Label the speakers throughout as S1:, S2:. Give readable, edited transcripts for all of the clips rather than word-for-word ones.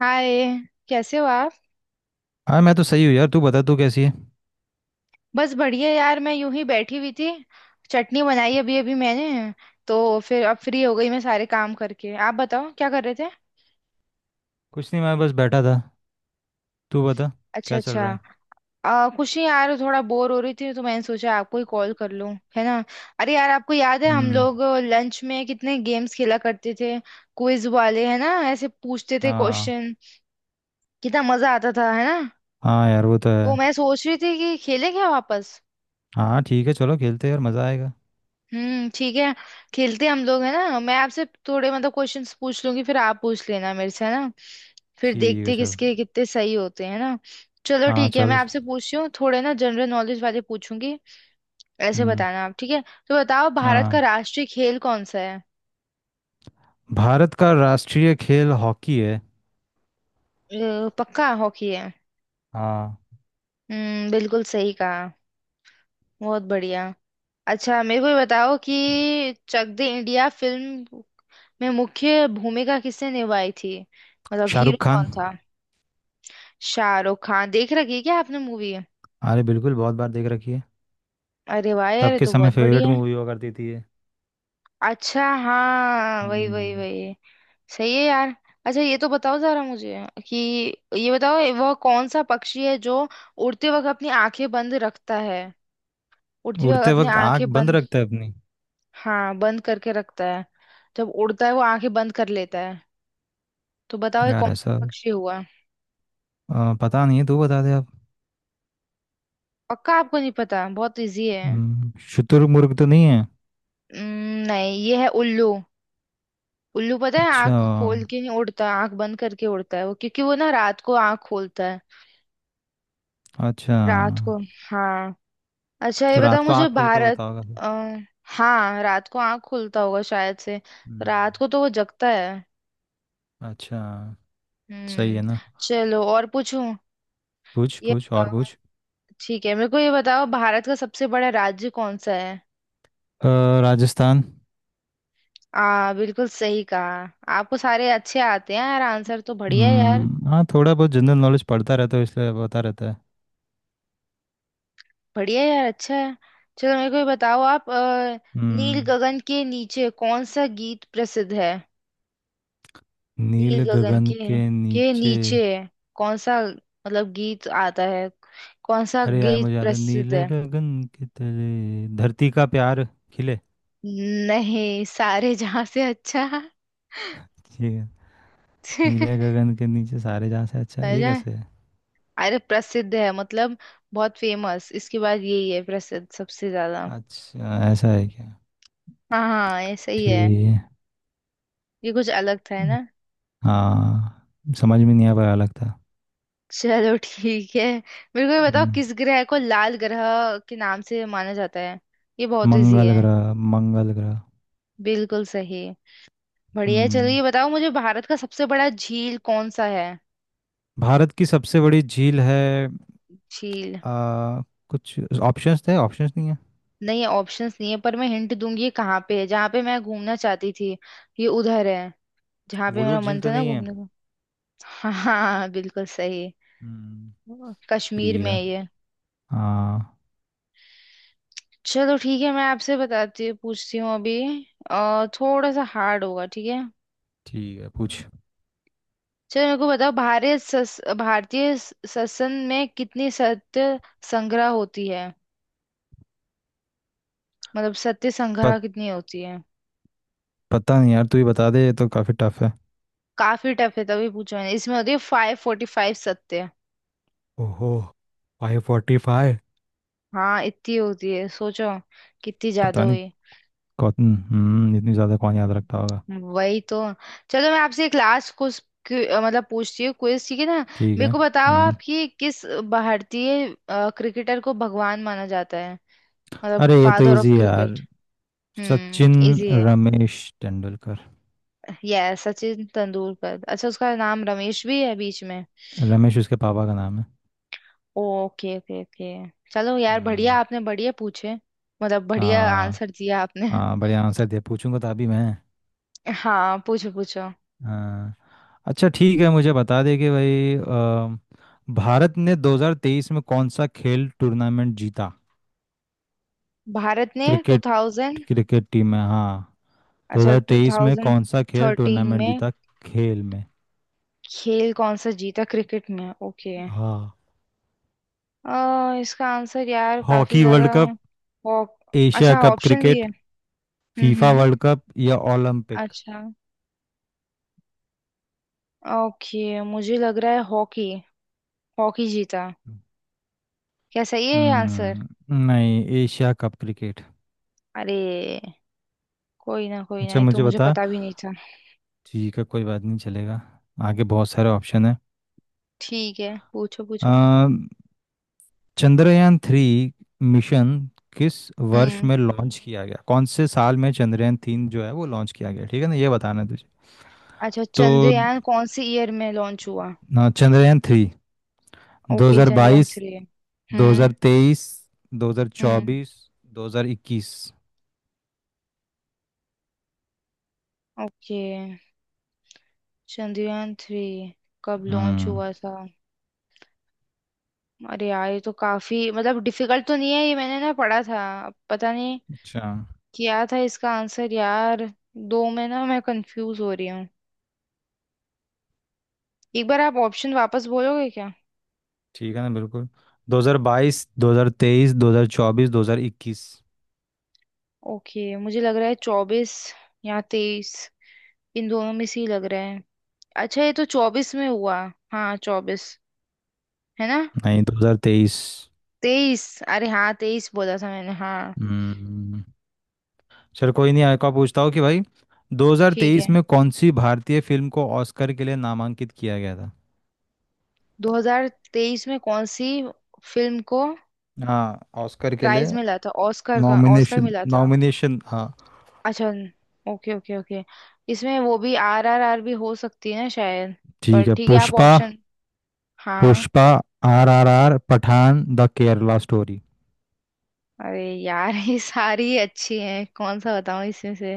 S1: हाय। कैसे हो आप?
S2: हाँ मैं तो सही हूँ यार। तू बता, तू कैसी है?
S1: बस बढ़िया यार, मैं यूं ही बैठी हुई थी। चटनी बनाई अभी अभी मैंने। तो फिर अब फ्री हो गई मैं सारे काम करके। आप बताओ क्या कर रहे थे?
S2: कुछ नहीं, मैं बस बैठा था। तू बता,
S1: अच्छा
S2: क्या चल
S1: अच्छा।
S2: रहा है?
S1: कुछ नहीं यार, थोड़ा बोर हो रही थी तो मैंने सोचा आपको ही कॉल कर लूं, है ना। अरे यार, आपको याद है हम
S2: हम्म।
S1: लोग लंच में कितने गेम्स खेला करते थे? क्विज वाले, है ना? ऐसे पूछते थे
S2: हाँ।
S1: क्वेश्चन। कितना मजा आता था, है ना?
S2: हाँ यार, वो तो
S1: तो
S2: है।
S1: मैं सोच रही थी कि खेलें क्या वापस।
S2: हाँ ठीक है, चलो खेलते हैं यार, मज़ा आएगा।
S1: ठीक है। खेलते हम लोग, है ना। मैं आपसे थोड़े मतलब क्वेश्चंस पूछ लूंगी, फिर आप पूछ लेना मेरे से, है ना। फिर
S2: ठीक है
S1: देखते
S2: चल।
S1: किसके कितने सही होते हैं ना। चलो
S2: हाँ
S1: ठीक है, मैं
S2: चल
S1: आपसे
S2: चल।
S1: पूछती हूँ थोड़े ना जनरल नॉलेज वाले पूछूंगी। ऐसे
S2: हम्म।
S1: बताना आप, ठीक है? तो बताओ भारत का
S2: हाँ।
S1: राष्ट्रीय खेल कौन सा है?
S2: भारत का राष्ट्रीय खेल हॉकी है।
S1: पक्का हॉकी है?
S2: हाँ।
S1: हम्म, बिल्कुल सही कहा। बहुत बढ़िया। अच्छा मेरे को ये बताओ कि चक दे इंडिया फिल्म में मुख्य भूमिका किसने निभाई थी? मतलब
S2: शाहरुख
S1: हीरो
S2: खान।
S1: कौन था? शाहरुख खान देख रखी है क्या आपने मूवी?
S2: अरे बिल्कुल, बहुत बार देख रखी है।
S1: अरे वाह यार,
S2: तब
S1: ये
S2: के
S1: तो
S2: समय
S1: बहुत
S2: फेवरेट
S1: बढ़िया है।
S2: मूवी हुआ करती थी ये।
S1: अच्छा हाँ, वही वही
S2: हम्म।
S1: वही। सही है यार। अच्छा ये तो बताओ जरा मुझे कि ये बताओ वह कौन सा पक्षी है जो उड़ते वक्त अपनी आंखें बंद रखता है? उड़ते वक्त
S2: उड़ते
S1: अपनी
S2: वक्त आंख
S1: आंखें
S2: बंद
S1: बंद।
S2: रखता है अपनी?
S1: हाँ बंद करके रखता है। जब उड़ता है वो आंखें बंद कर लेता है। तो बताओ ये कौन
S2: यार ऐसा,
S1: सा पक्षी हुआ?
S2: पता नहीं है, तू बता दे आप।
S1: पक्का आपको नहीं पता, बहुत इजी है।
S2: शुतुरमुर्ग तो नहीं है?
S1: नहीं, ये है उल्लू। उल्लू पता है
S2: अच्छा
S1: आंख खोल के नहीं उड़ता, आंख बंद करके उड़ता है वो, क्योंकि वो ना रात को आंख खोलता है।
S2: अच्छा।
S1: रात को। हाँ। अच्छा ये
S2: तो
S1: बताओ
S2: रात को
S1: मुझे
S2: आँख खोल के
S1: भारत।
S2: उड़ता होगा फिर।
S1: आ, हाँ रात को आंख खुलता होगा शायद से।
S2: हम्म।
S1: रात को तो वो जगता है।
S2: अच्छा। सही
S1: हम्म।
S2: है ना।
S1: चलो और पूछूं।
S2: पूछ
S1: ये
S2: पूछ और
S1: बताओ,
S2: पूछ।
S1: ठीक है, मेरे को ये बताओ भारत का सबसे बड़ा राज्य कौन सा है?
S2: अ, राजस्थान।
S1: आ, बिल्कुल सही कहा। आपको सारे अच्छे आते हैं यार, आंसर तो बढ़िया है यार।
S2: हाँ, थोड़ा बहुत जनरल नॉलेज पढ़ता रहता है इसलिए पता रहता है।
S1: बढ़िया यार, अच्छा है। चलो मेरे को ये बताओ आप नील
S2: हम्म
S1: गगन के नीचे कौन सा गीत प्रसिद्ध है?
S2: नील
S1: नील गगन
S2: गगन
S1: के
S2: के
S1: के
S2: नीचे।
S1: नीचे कौन सा, मतलब गीत आता है? कौन सा
S2: अरे यार
S1: गीत
S2: मुझे याद है,
S1: प्रसिद्ध
S2: नीले
S1: है?
S2: गगन के तले धरती का प्यार खिले।
S1: नहीं, सारे जहां से अच्छा।
S2: ठीक है। नीले
S1: सारे
S2: गगन के नीचे सारे जहाँ से अच्छा, ये
S1: जहां।
S2: कैसे है?
S1: अरे प्रसिद्ध है, मतलब बहुत फेमस। इसके बाद यही है प्रसिद्ध सबसे ज्यादा।
S2: अच्छा, ऐसा है क्या?
S1: हाँ हाँ, ऐसा ही है।
S2: ठीक।
S1: ये कुछ अलग था, है
S2: है
S1: ना।
S2: हाँ। समझ में नहीं आ पाया लगता।
S1: चलो ठीक है, मेरे को ये बताओ
S2: हम्म।
S1: किस ग्रह को लाल ग्रह के नाम से माना जाता है? ये बहुत इजी
S2: मंगल
S1: है।
S2: ग्रह, मंगल ग्रह।
S1: बिल्कुल सही। बढ़िया है। चलो
S2: हम्म।
S1: ये बताओ मुझे, भारत का सबसे बड़ा झील कौन सा है?
S2: भारत की सबसे बड़ी झील है
S1: झील।
S2: आ, कुछ ऑप्शंस थे, ऑप्शंस नहीं है?
S1: नहीं है, ऑप्शंस नहीं है, पर मैं हिंट दूंगी। ये कहाँ पे है जहाँ पे मैं घूमना चाहती थी। ये उधर है, जहाँ पे मेरा
S2: वुलूर झील
S1: मन
S2: तो
S1: था ना
S2: नहीं है?
S1: घूमने का। हाँ हाँ हाँ, बिल्कुल सही।
S2: हम्म।
S1: कश्मीर
S2: ठीक
S1: में
S2: है।
S1: है ये।
S2: हाँ
S1: चलो ठीक है, मैं आपसे बताती पूछती हूँ अभी। थोड़ा सा हार्ड होगा, ठीक है।
S2: ठीक है, पूछ।
S1: चलो मेरे को बताओ, भारतीय संसद में कितनी सत्य संग्रह होती है? मतलब सत्य संग्रह
S2: पत,
S1: कितनी होती है?
S2: पता नहीं यार, तू ही बता दे, ये तो काफ़ी टफ है।
S1: काफी टफ है, तभी पूछा मैंने। इसमें होती है 545 सत्य।
S2: ओहो। 545।
S1: हाँ इतनी होती है, सोचो कितनी ज्यादा
S2: पता नहीं।
S1: हुई।
S2: कौन इतनी ज़्यादा कौन याद रखता होगा?
S1: वही तो। चलो मैं आपसे एक लास्ट कुछ, मतलब पूछती हूँ क्विज, ठीक है ना।
S2: ठीक
S1: मेरे
S2: है।
S1: को बताओ
S2: हम्म।
S1: आप कि किस भारतीय क्रिकेटर को भगवान माना जाता है? मतलब
S2: अरे ये तो
S1: फादर
S2: इजी
S1: ऑफ
S2: है यार।
S1: क्रिकेट। हम्म,
S2: सचिन
S1: इजी है।
S2: रमेश तेंदुलकर।
S1: यस, सचिन तेंदुलकर। अच्छा उसका नाम रमेश भी है बीच में?
S2: रमेश उसके पापा का नाम है।
S1: Okay okay okay. चलो यार, बढ़िया
S2: हम्म।
S1: आपने बढ़िया पूछे, मतलब बढ़िया
S2: हाँ,
S1: आंसर दिया आपने।
S2: हाँ बढ़िया आंसर दे, पूछूंगा तो अभी मैं।
S1: हाँ पूछो पूछो।
S2: हाँ। अच्छा ठीक है, मुझे बता दे कि भाई भारत ने 2023 में कौन सा खेल टूर्नामेंट जीता?
S1: भारत ने
S2: क्रिकेट,
S1: 2000...
S2: क्रिकेट टीम में, हाँ।
S1: अच्छा,
S2: 2023 में कौन सा खेल
S1: 2013
S2: टूर्नामेंट
S1: में?
S2: जीता, खेल में?
S1: खेल कौन सा जीता क्रिकेट में, ओके।
S2: हाँ।
S1: इसका आंसर यार काफी
S2: हॉकी वर्ल्ड
S1: ज्यादा।
S2: कप,
S1: हॉक
S2: एशिया
S1: अच्छा,
S2: कप
S1: ऑप्शन भी है।
S2: क्रिकेट, फीफा
S1: हम्म।
S2: वर्ल्ड कप या ओलंपिक।
S1: अच्छा, ओके, मुझे लग रहा है हॉकी, हॉकी जीता। क्या सही है ये आंसर?
S2: हम्म, नहीं एशिया कप क्रिकेट।
S1: अरे, कोई ना कोई ना,
S2: अच्छा
S1: ये तो
S2: मुझे
S1: मुझे
S2: बता।
S1: पता भी नहीं था।
S2: ठीक है कोई बात नहीं, चलेगा। आगे बहुत सारे ऑप्शन
S1: ठीक है पूछो पूछो।
S2: है। चंद्रयान 3 मिशन किस वर्ष
S1: हम्म।
S2: में लॉन्च किया गया, कौन से साल में चंद्रयान 3 जो है वो लॉन्च किया गया, ठीक है ना, ये बताना है तुझे।
S1: अच्छा
S2: तो
S1: चंद्रयान कौन से ईयर में लॉन्च हुआ?
S2: ना, चंद्रयान 3।
S1: Okay Chandrayaan
S2: 2022,
S1: three. हम्म।
S2: 2023,
S1: हम्म।
S2: 2024, 2021।
S1: ओके चंद्रयान थ्री कब लॉन्च
S2: हम्म।
S1: हुआ था? अरे यार ये तो काफी मतलब डिफिकल्ट तो नहीं है, ये मैंने ना पढ़ा था, अब पता नहीं
S2: अच्छा।
S1: क्या था इसका आंसर यार। दो में ना मैं कंफ्यूज हो रही हूँ। एक बार आप ऑप्शन वापस बोलोगे क्या?
S2: ठीक है ना, बिल्कुल। 2022, 2023, 2024, 2021।
S1: ओके मुझे लग रहा है 24 या 23, इन दोनों में से ही लग रहा है। अच्छा ये तो 24 में हुआ। हाँ 24, है ना?
S2: नहीं, 2023।
S1: 23? अरे हाँ 23 बोला था मैंने, हाँ।
S2: हम्म। चल कोई नहीं, आपका पूछता हूँ कि भाई
S1: ठीक
S2: 2023
S1: है।
S2: में कौन सी भारतीय फिल्म को ऑस्कर के लिए नामांकित किया गया था?
S1: 2023 में कौन सी फिल्म को
S2: हाँ, ऑस्कर के
S1: प्राइज
S2: लिए।
S1: मिला था ऑस्कर का? ऑस्कर
S2: नॉमिनेशन,
S1: मिला था?
S2: नॉमिनेशन, हाँ।
S1: अच्छा, ओके ओके ओके। इसमें वो भी आर आर आर भी हो सकती है ना शायद। पर
S2: ठीक है,
S1: ठीक है, आप
S2: पुष्पा।
S1: ऑप्शन। हाँ।
S2: Pushpa, R R R, Pathaan, the Kerala story.
S1: अरे यार ये सारी अच्छी हैं, कौन सा बताऊं इसमें से?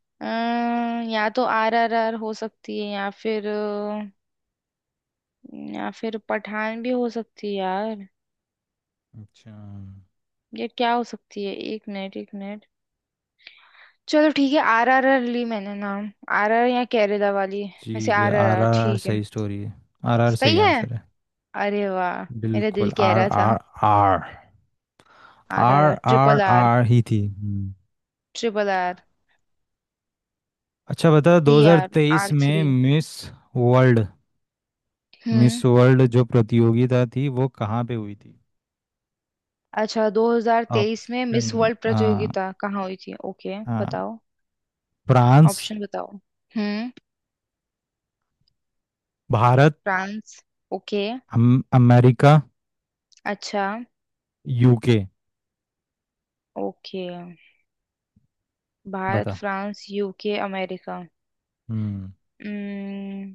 S1: या तो आर आर आर हो सकती है, या फिर, या फिर पठान भी हो सकती है यार।
S2: अच्छा।
S1: ये क्या हो सकती है, एक मिनट एक मिनट। चलो ठीक है, आर आर आर ली मैंने नाम। आर आर या केरला वाली में से
S2: ठीक है,
S1: R R
S2: R
S1: R
S2: R R
S1: ठीक है।
S2: सही स्टोरी है। आर आर
S1: सही
S2: सही
S1: है।
S2: आंसर है।
S1: अरे वाह, मेरा दिल
S2: बिल्कुल
S1: कह
S2: आर
S1: रहा था
S2: R. R.
S1: R R R,
S2: R
S1: triple
S2: R
S1: R.
S2: R ही थी। हम्म।
S1: Triple R.
S2: अच्छा बता,
S1: थ्री आर आर
S2: 2023 में
S1: थ्री।
S2: मिस वर्ल्ड, मिस
S1: हम्म।
S2: वर्ल्ड जो प्रतियोगिता थी वो कहाँ पे हुई थी?
S1: अच्छा, 2023 में मिस
S2: ऑप्शन।
S1: वर्ल्ड प्रतियोगिता कहाँ हुई थी? ओके बताओ
S2: फ्रांस।
S1: ऑप्शन। बताओ। हम्म।
S2: भारत।
S1: फ्रांस। ओके।
S2: अमेरिका।
S1: अच्छा।
S2: यूके।
S1: ओके। भारत
S2: बता।
S1: France UK America.
S2: हम्म।
S1: उम्म,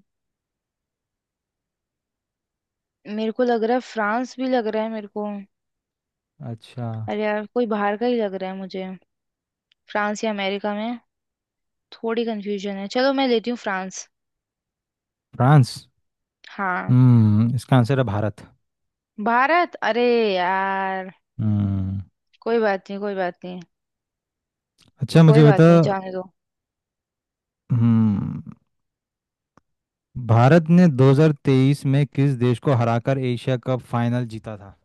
S1: मेरे को लग रहा है फ्रांस, भी लग रहा है मेरे को।
S2: अच्छा।
S1: अरे यार कोई बाहर का ही लग रहा है मुझे, फ्रांस या अमेरिका में थोड़ी कंफ्यूजन है। चलो मैं लेती हूँ फ्रांस।
S2: फ्रांस।
S1: हाँ।
S2: हम्म, इसका आंसर है भारत।
S1: भारत? अरे यार।
S2: हम्म।
S1: कोई बात नहीं कोई बात नहीं।
S2: अच्छा
S1: कोई
S2: मुझे बता।
S1: बात नहीं, जाने दो।
S2: हम्म, भारत ने 2023 में किस देश को हराकर एशिया कप फाइनल जीता था?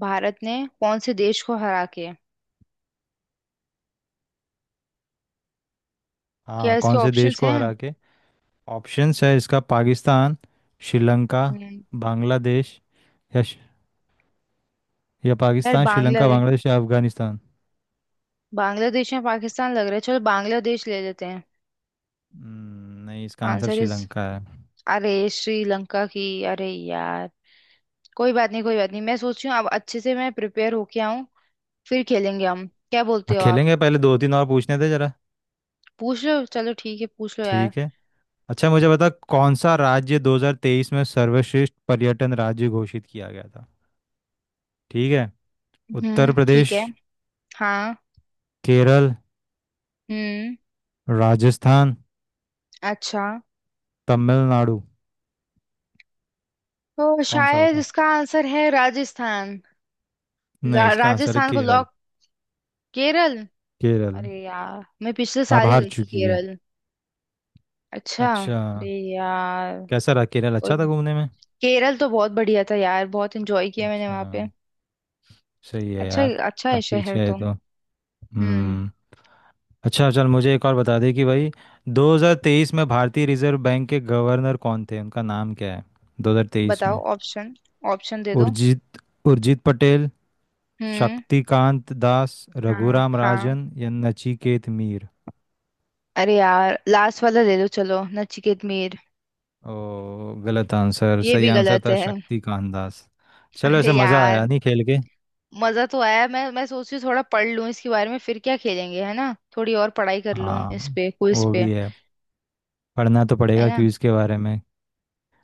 S1: भारत ने कौन से देश को हरा के? क्या
S2: हाँ,
S1: इसके
S2: कौन से देश
S1: ऑप्शंस
S2: को
S1: हैं?
S2: हरा के? ऑप्शंस है इसका, पाकिस्तान, श्रीलंका,
S1: हम्म,
S2: बांग्लादेश या या
S1: यार
S2: पाकिस्तान, श्रीलंका,
S1: बांग्लादेश।
S2: बांग्लादेश या अफगानिस्तान।
S1: बांग्लादेश या पाकिस्तान लग रहा है, चलो बांग्लादेश ले लेते हैं।
S2: नहीं इसका आंसर
S1: आंसर इज...
S2: श्रीलंका है।
S1: अरे श्रीलंका की, अरे यार। कोई बात नहीं कोई बात नहीं, मैं सोच रही हूँ अब अच्छे से मैं प्रिपेयर होके आऊँ, फिर खेलेंगे हम, क्या बोलते
S2: हाँ,
S1: हो आप?
S2: खेलेंगे, पहले दो तीन और पूछने थे जरा।
S1: पूछ लो, चलो ठीक है, पूछ लो यार।
S2: ठीक है। अच्छा मुझे बता, कौन सा राज्य 2023 में सर्वश्रेष्ठ पर्यटन राज्य घोषित किया गया था? ठीक है। उत्तर
S1: ठीक
S2: प्रदेश,
S1: है। हाँ।
S2: केरल,
S1: हम्म।
S2: राजस्थान,
S1: अच्छा।
S2: तमिलनाडु।
S1: तो
S2: कौन सा
S1: शायद
S2: बता।
S1: इसका आंसर है राजस्थान।
S2: नहीं, इसका आंसर है
S1: राजस्थान को
S2: केरल।
S1: लॉक। केरल?
S2: केरल।
S1: अरे यार मैं पिछले
S2: अब
S1: साल ही
S2: हार
S1: गई थी
S2: चुकी है।
S1: केरल। अच्छा,
S2: अच्छा।
S1: अरे यार।
S2: कैसा रहा केरल,
S1: कोई,
S2: अच्छा था घूमने में?
S1: केरल तो बहुत बढ़िया था यार, बहुत एंजॉय किया मैंने
S2: अच्छा
S1: वहां पे।
S2: सही है
S1: अच्छा
S2: यार।
S1: अच्छा है
S2: काफी
S1: शहर
S2: अच्छा है ये
S1: तो।
S2: तो।
S1: हम्म।
S2: हम्म। अच्छा चल, मुझे एक और बता दे कि भाई, 2023 में भारतीय रिजर्व बैंक के गवर्नर कौन थे, उनका नाम क्या है, 2023
S1: बताओ
S2: में?
S1: ऑप्शन, ऑप्शन दे दो।
S2: उर्जित, उर्जित पटेल,
S1: हम्म।
S2: शक्तिकांत दास,
S1: हाँ
S2: रघुराम
S1: हाँ।
S2: राजन या नचिकेत मीर।
S1: अरे यार लास्ट वाला ले लो, चलो नचिकेत मीर।
S2: ओ गलत आंसर,
S1: ये
S2: सही
S1: भी
S2: आंसर
S1: गलत
S2: था
S1: है?
S2: शक्तिकांत दास। चलो ऐसे
S1: अरे
S2: मज़ा
S1: यार,
S2: आया नहीं खेल के।
S1: मजा तो आया। मैं सोच रही हूँ थोड़ा पढ़ लूँ इसके बारे में, फिर क्या खेलेंगे, है ना। थोड़ी और पढ़ाई कर लूँ
S2: हाँ,
S1: इस पे, क्विज
S2: वो
S1: पे,
S2: भी है। पढ़ना तो
S1: है
S2: पड़ेगा
S1: ना।
S2: क्विज के बारे में।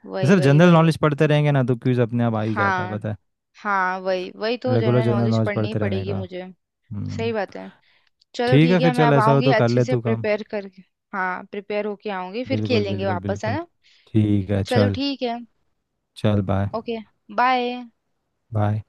S1: वही
S2: सर
S1: वही
S2: जनरल
S1: वही।
S2: नॉलेज पढ़ते रहेंगे ना, तो क्विज अपने आप आ ही जाता है
S1: हाँ
S2: पता।
S1: हाँ वही वही,
S2: है,
S1: तो
S2: regular
S1: general
S2: general
S1: knowledge
S2: knowledge
S1: पढ़नी ही
S2: पढ़ते रहने
S1: पड़ेगी
S2: का।
S1: मुझे। सही
S2: हम्म।
S1: बात है। चलो
S2: ठीक
S1: ठीक
S2: है फिर
S1: है, मैं
S2: चल,
S1: अब
S2: ऐसा हो
S1: आऊंगी
S2: तो कर
S1: अच्छे
S2: ले
S1: से
S2: तू काम।
S1: प्रिपेयर करके। हाँ प्रिपेयर होके आऊंगी, फिर
S2: बिल्कुल
S1: खेलेंगे
S2: बिल्कुल
S1: वापस, है
S2: बिल्कुल।
S1: ना।
S2: ठीक है
S1: चलो
S2: चल।
S1: ठीक है।
S2: चल बाय।
S1: ओके। बाय।
S2: बाय।